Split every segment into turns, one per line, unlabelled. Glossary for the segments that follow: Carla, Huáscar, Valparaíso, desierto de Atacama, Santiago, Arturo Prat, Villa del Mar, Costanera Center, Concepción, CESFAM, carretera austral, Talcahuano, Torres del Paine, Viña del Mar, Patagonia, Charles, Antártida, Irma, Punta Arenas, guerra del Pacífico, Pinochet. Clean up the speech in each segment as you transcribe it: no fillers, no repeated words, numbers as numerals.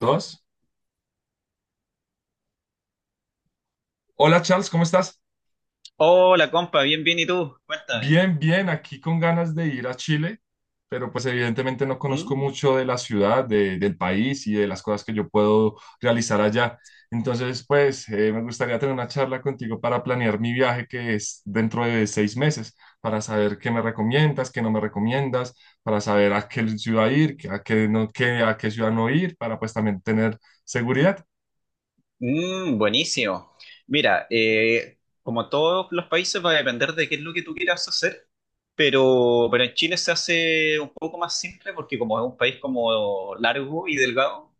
Dos. Hola Charles, ¿cómo estás?
Hola, compa, bien, bien, ¿y tú? Cuéntame.
Bien, bien, aquí con ganas de ir a Chile, pero pues evidentemente no conozco
Mm,
mucho de la ciudad, del país y de las cosas que yo puedo realizar allá. Entonces, pues me gustaría tener una charla contigo para planear mi viaje que es dentro de 6 meses, para saber qué me recomiendas, qué no me recomiendas, para saber a qué ciudad ir, a qué ciudad no ir, para pues también tener seguridad.
mm, buenísimo. Mira, como todos los países va a depender de qué es lo que tú quieras hacer, pero en Chile se hace un poco más simple porque como es un país como largo y delgado,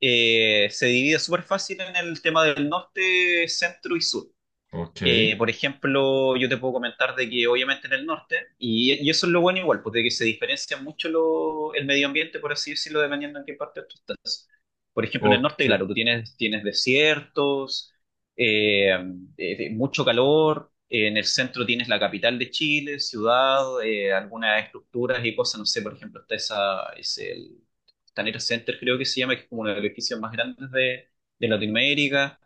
se divide súper fácil en el tema del norte, centro y sur.
Ok,
Por ejemplo, yo te puedo comentar de que obviamente en el norte, y eso es lo bueno igual, porque que se diferencia mucho el medio ambiente, por así decirlo, dependiendo en qué parte tú estás. Por ejemplo, en el norte,
ok,
claro, tú tienes desiertos, eh, mucho calor, en el centro tienes la capital de Chile, ciudad, algunas estructuras y cosas, no sé, por ejemplo, está esa, es el Costanera Center, creo que se llama, que es como uno de los edificios más grandes de Latinoamérica.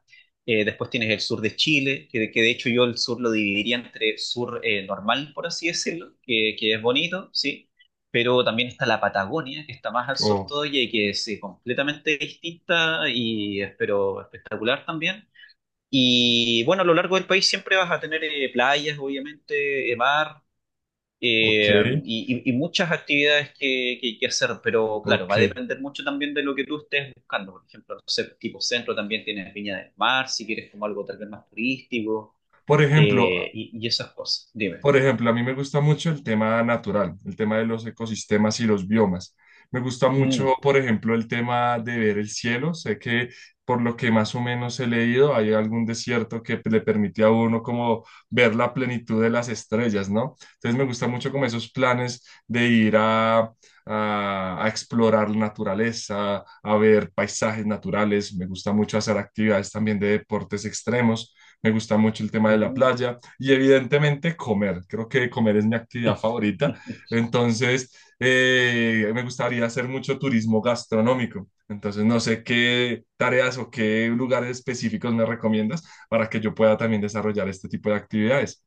Después tienes el sur de Chile, que de hecho yo el sur lo dividiría entre sur normal, por así decirlo, que es bonito, sí, pero también está la Patagonia, que está más al sur
oh,
todavía y que es completamente distinta y es, pero espectacular también. Y bueno, a lo largo del país siempre vas a tener playas, obviamente, mar,
ok,
eh, y muchas actividades que hacer, pero claro,
ok.
va a depender mucho también de lo que tú estés buscando. Por ejemplo, no sé, tipo centro también tienes Viña del Mar, si quieres como algo tal vez más turístico,
Por ejemplo,
y esas cosas. Dime.
por ejemplo, a mí me gusta mucho el tema natural, el tema de los ecosistemas y los biomas. Me gusta mucho,
Mm,
por ejemplo, el tema de ver el cielo. Sé que por lo que más o menos he leído, hay algún desierto que le permite a uno como ver la plenitud de las estrellas, ¿no? Entonces me gusta mucho como esos planes de ir a explorar la naturaleza, a ver paisajes naturales. Me gusta mucho hacer actividades también de deportes extremos. Me gusta mucho el tema de la
mm.
playa y evidentemente comer. Creo que comer es mi actividad favorita. Entonces, me gustaría hacer mucho turismo gastronómico. Entonces, no sé qué tareas o qué lugares específicos me recomiendas para que yo pueda también desarrollar este tipo de actividades.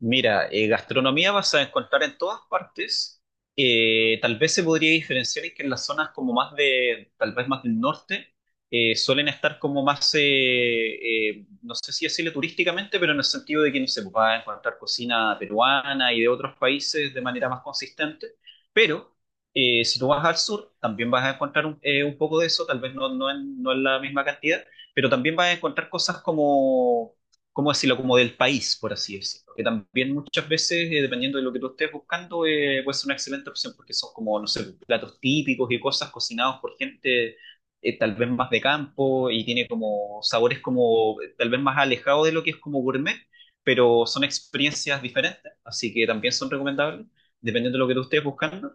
Mira, gastronomía vas a encontrar en todas partes. Tal vez se podría diferenciar en que en las zonas como más de, tal vez más del norte, suelen estar como más, no sé si decirle turísticamente, pero en el sentido de que no se sé, va a encontrar cocina peruana y de otros países de manera más consistente. Pero si tú vas al sur, también vas a encontrar un poco de eso, tal vez no en la misma cantidad, pero también vas a encontrar cosas como ¿cómo decirlo? Como del país, por así decirlo. Que también muchas veces, dependiendo de lo que tú estés buscando, puede ser una excelente opción porque son como, no sé, platos típicos y cosas cocinados por gente tal vez más de campo y tiene como sabores como tal vez más alejados de lo que es como gourmet, pero son experiencias diferentes, así que también son recomendables, dependiendo de lo que tú estés buscando.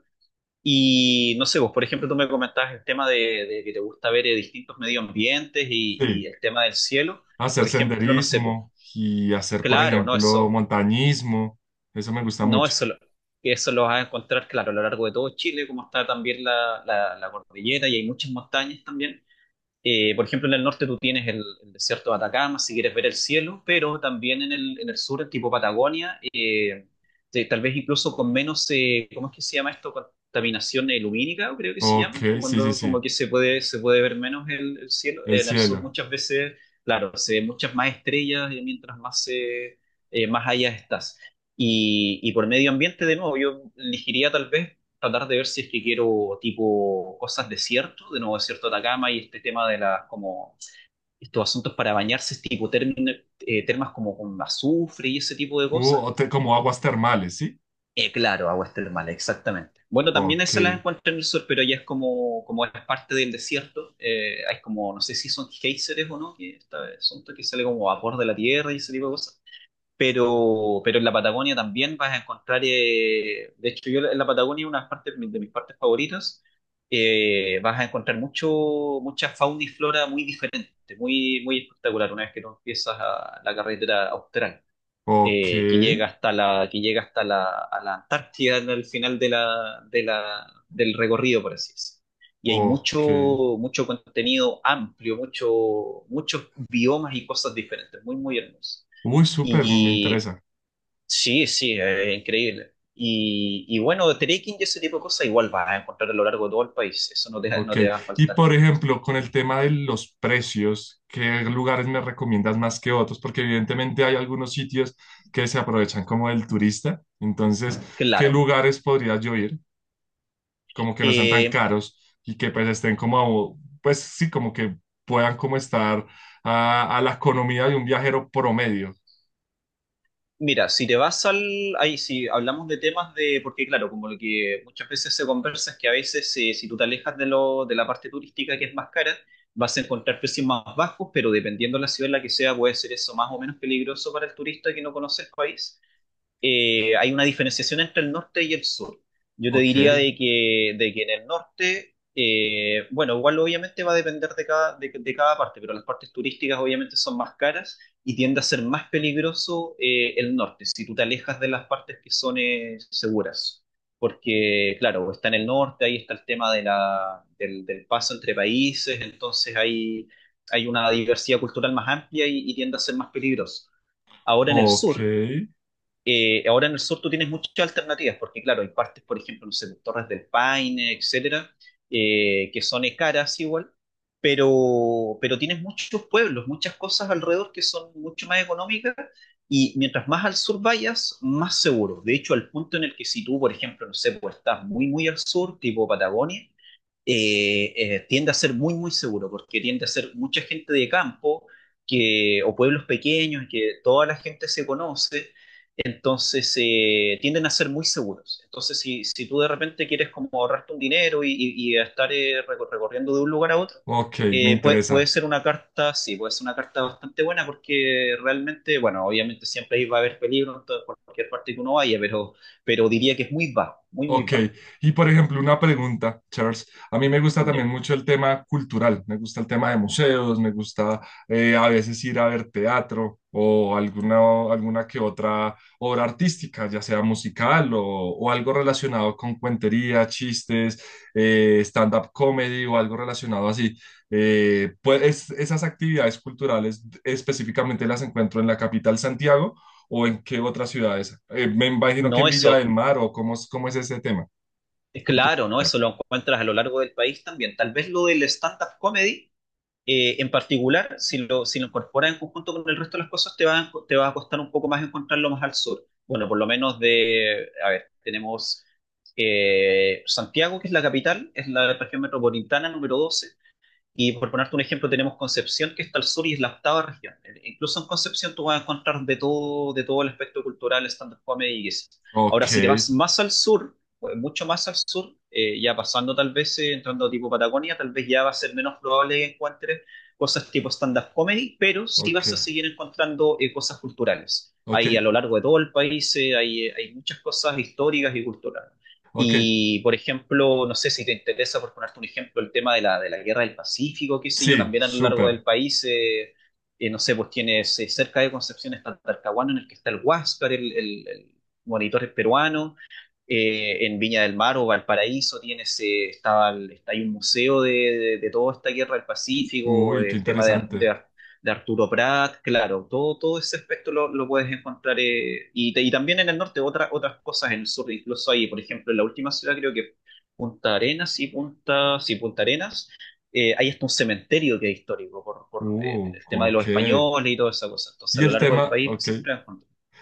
Y no sé, vos, por ejemplo, tú me comentabas el tema de que te gusta ver distintos medio ambientes y
Sí,
el tema del cielo.
hacer
Por ejemplo, no sé, pues,
senderismo y hacer, por
claro, no,
ejemplo,
eso,
montañismo. Eso me gusta
no,
mucho.
eso lo vas a encontrar, claro, a lo largo de todo Chile, como está también la cordillera y hay muchas montañas también. Por ejemplo, en el norte tú tienes el desierto de Atacama, si quieres ver el cielo, pero también en el sur, el tipo Patagonia, tal vez incluso con menos, ¿cómo es que se llama esto? Contaminación lumínica, creo que se
Ok,
llama, que
sí, sí,
cuando como
sí.
que se puede ver menos el cielo.
El
En el sur
cielo.
muchas veces, claro, se ven muchas más estrellas y mientras más, más allá estás. Y por medio ambiente, de nuevo, yo elegiría tal vez tratar de ver si es que quiero tipo cosas desierto, de nuevo desierto de Atacama y este tema de las como estos asuntos para bañarse, tipo termas como con azufre y ese tipo de
Uh,
cosas.
o te- como aguas termales, ¿sí?
Claro, aguas termales, exactamente. Bueno, también
Ok,
esas las encuentro en el sur, pero ya es como, como es parte del desierto. Hay como, no sé si son geysers o no, que esta vez son que sale como vapor de la tierra y ese tipo de cosas. Pero en la Patagonia también vas a encontrar, de hecho yo en la Patagonia una parte de mis partes favoritas, vas a encontrar mucha fauna y flora muy diferente, muy, muy espectacular una vez que tú empiezas a la carretera austral,
ok,
que llega hasta la, que llega hasta la, a la Antártida al final del recorrido, por así decirlo. Y hay mucho,
ok.
mucho contenido amplio, muchos biomas y cosas diferentes, muy, muy hermoso.
Uy, súper, me
Y
interesa.
Sí, sí, es increíble. Y bueno, de trekking y ese tipo de cosas igual vas a encontrar a lo largo de todo el país, eso no te, no
Ok.
te va a
Y
faltar.
por ejemplo, con el tema de los precios, ¿qué lugares me recomiendas más que otros? Porque evidentemente hay algunos sitios que se aprovechan como del turista. Entonces, ¿qué
Claro.
lugares podría yo ir? Como que no sean tan
Eh,
caros y que pues estén como, pues sí, como que puedan como estar a la economía de un viajero promedio.
Mira, si te vas al... Ahí si hablamos de temas de... Porque claro, como lo que muchas veces se conversa es que a veces si tú te alejas de la parte turística que es más cara, vas a encontrar precios más bajos, pero dependiendo de la ciudad en la que sea, puede ser eso más o menos peligroso para el turista que no conoce el país. Hay una diferenciación entre el norte y el sur. Yo te
Ok,
diría de que en el norte, bueno, igual obviamente va a depender de cada parte, pero las partes turísticas obviamente son más caras y tiende a ser más peligroso el norte, si tú te alejas de las partes que son seguras. Porque, claro, está en el norte, ahí está el tema de del paso entre países, entonces hay una diversidad cultural más amplia y tiende a ser más peligroso. Ahora en el
ok,
sur, ahora en el sur tú tienes muchas alternativas, porque claro, hay partes, por ejemplo, no sé, pues, Torres del Paine, etcétera, que son caras igual, pero tienes muchos pueblos, muchas cosas alrededor que son mucho más económicas y mientras más al sur vayas, más seguro. De hecho, al punto en el que si tú, por ejemplo, no sé, pues estás muy, muy al sur, tipo Patagonia, tiende a ser muy, muy seguro, porque tiende a ser mucha gente de campo que, o pueblos pequeños que toda la gente se conoce, entonces tienden a ser muy seguros. Entonces, si, si tú de repente quieres como ahorrarte un dinero y estar recorriendo de un lugar a otro,
ok, me
eh, puede
interesa.
ser una carta, sí, puede ser una carta bastante buena porque realmente, bueno, obviamente siempre ahí va a haber peligro en todo, por cualquier parte que uno vaya, pero diría que es muy bajo, muy, muy
Ok,
bajo.
y por ejemplo, una pregunta, Charles. A mí me gusta
Ya.
también mucho el tema cultural, me gusta el tema de museos, me gusta a veces ir a ver teatro o alguna, alguna que otra obra artística, ya sea musical o algo relacionado con cuentería, chistes, stand-up comedy o algo relacionado así. Pues esas actividades culturales específicamente las encuentro en la capital Santiago o ¿en qué otras ciudades? Me imagino que
No,
en Villa del
eso
Mar o cómo, cómo es ese tema
es
cultural
claro, ¿no?
allá.
Eso lo encuentras a lo largo del país también. Tal vez lo del stand-up comedy en particular, si lo, si lo incorporas en conjunto con el resto de las cosas, te va, te va a costar un poco más encontrarlo más al sur. Bueno, por lo menos de, a ver, tenemos Santiago, que es la capital, es la región metropolitana número 12. Y por ponerte un ejemplo, tenemos Concepción, que está al sur y es la octava región. Incluso en Concepción tú vas a encontrar de todo el aspecto cultural, stand-up comedy y eso.
Ok,
Ahora, si te vas más al sur, pues, mucho más al sur, ya pasando tal vez, entrando tipo Patagonia, tal vez ya va a ser menos probable que encuentres cosas tipo stand-up comedy, pero sí
ok,
vas a seguir encontrando cosas culturales.
ok,
Hay a lo largo de todo el país, hay, hay muchas cosas históricas y culturales.
ok.
Y, por ejemplo, no sé si te interesa, por ponerte un ejemplo, el tema de la guerra del Pacífico, qué sé yo,
Sí,
también a lo largo
súper.
del país, no sé, pues tienes cerca de Concepción está Talcahuano, en el que está el Huáscar, el, el monitor peruano, en Viña del Mar o Valparaíso tienes, estaba, está ahí un museo de, de toda esta guerra del Pacífico,
Uy, qué
el tema de,
interesante.
De Arturo Prat, claro, todo, todo ese aspecto lo puedes encontrar y, y también en el norte otras cosas en el sur, incluso ahí, por ejemplo, en la última ciudad creo que Punta Arenas y Punta, sí, Punta Arenas, hay hasta un cementerio que es histórico por, el tema de los
Ok.
españoles y toda esa cosa. Entonces, a
Y
lo
el
largo del
tema,
país
ok.
siempre vas.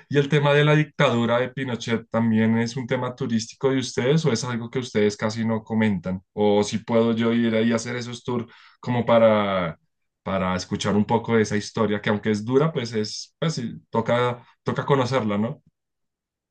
¿Y el tema de la dictadura de Pinochet también es un tema turístico de ustedes o es algo que ustedes casi no comentan? O si puedo yo ir ahí a hacer esos tours como para escuchar un poco de esa historia, que aunque es dura, pues es, pues sí, toca, toca conocerla, ¿no?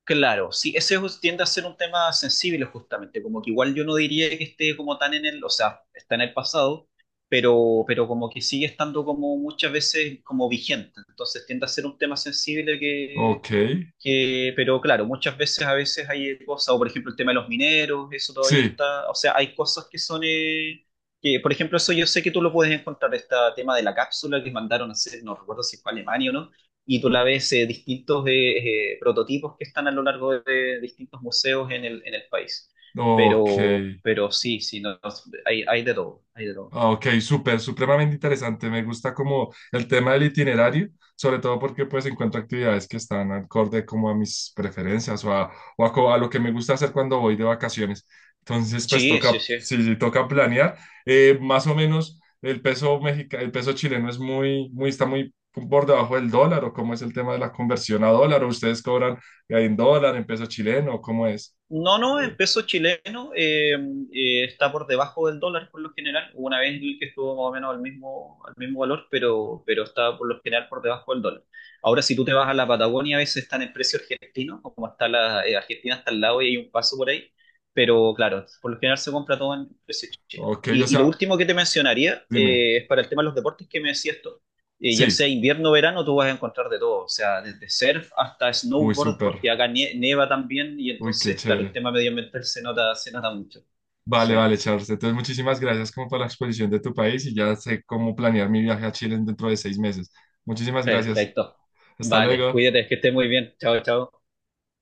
Claro, sí, tiende a ser un tema sensible justamente, como que igual yo no diría que esté como tan en el, o sea, está en el pasado, pero como que sigue estando como muchas veces como vigente, entonces tiende a ser un tema sensible
Ok,
pero claro, muchas veces a veces hay cosas, o por ejemplo el tema de los mineros, eso todavía
sí,
está, o sea, hay cosas que son, que por ejemplo eso yo sé que tú lo puedes encontrar, este tema de la cápsula que mandaron a hacer, no recuerdo si fue a Alemania o no, y tú la ves distintos prototipos que están a lo largo de distintos museos en el país.
ok,
Pero sí, sí, no, no, hay de todo, hay de todo.
ah, ok, súper, supremamente interesante. Me gusta como el tema del itinerario, sobre todo porque pues encuentro actividades que están acorde como a mis preferencias a lo que me gusta hacer cuando voy de vacaciones. Entonces, pues
Sí, sí,
toca,
sí.
sí, sí, toca planear. Más o menos el peso chileno es muy, muy, está muy por debajo del dólar o ¿cómo es el tema de la conversión a dólar o ustedes cobran en dólar, en peso chileno, cómo es?
No, no, en
Eh,
peso chileno está por debajo del dólar por lo general. Hubo una vez que estuvo más o menos al mismo valor, pero, está por lo general por debajo del dólar. Ahora, si tú te vas a la Patagonia, a veces están en precio argentino, como está la Argentina, está al lado y hay un paso por ahí. Pero claro, por lo general se compra todo en precio chileno.
ok, o
Y lo
sea,
último que te mencionaría
dime.
es para el tema de los deportes que me decías tú ya
Sí,
sea invierno o verano, tú vas a encontrar de todo, o sea, desde surf hasta
uy,
snowboard,
súper,
porque acá nieva también y
uy, qué
entonces, claro, el
chévere.
tema medioambiental se nota mucho.
Vale,
Sí,
vale, Charles. Entonces, muchísimas gracias como por la exposición de tu país y ya sé cómo planear mi viaje a Chile dentro de 6 meses. Muchísimas gracias.
perfecto.
Hasta
Vale,
luego.
cuídate, que estés muy bien. Chao, chao.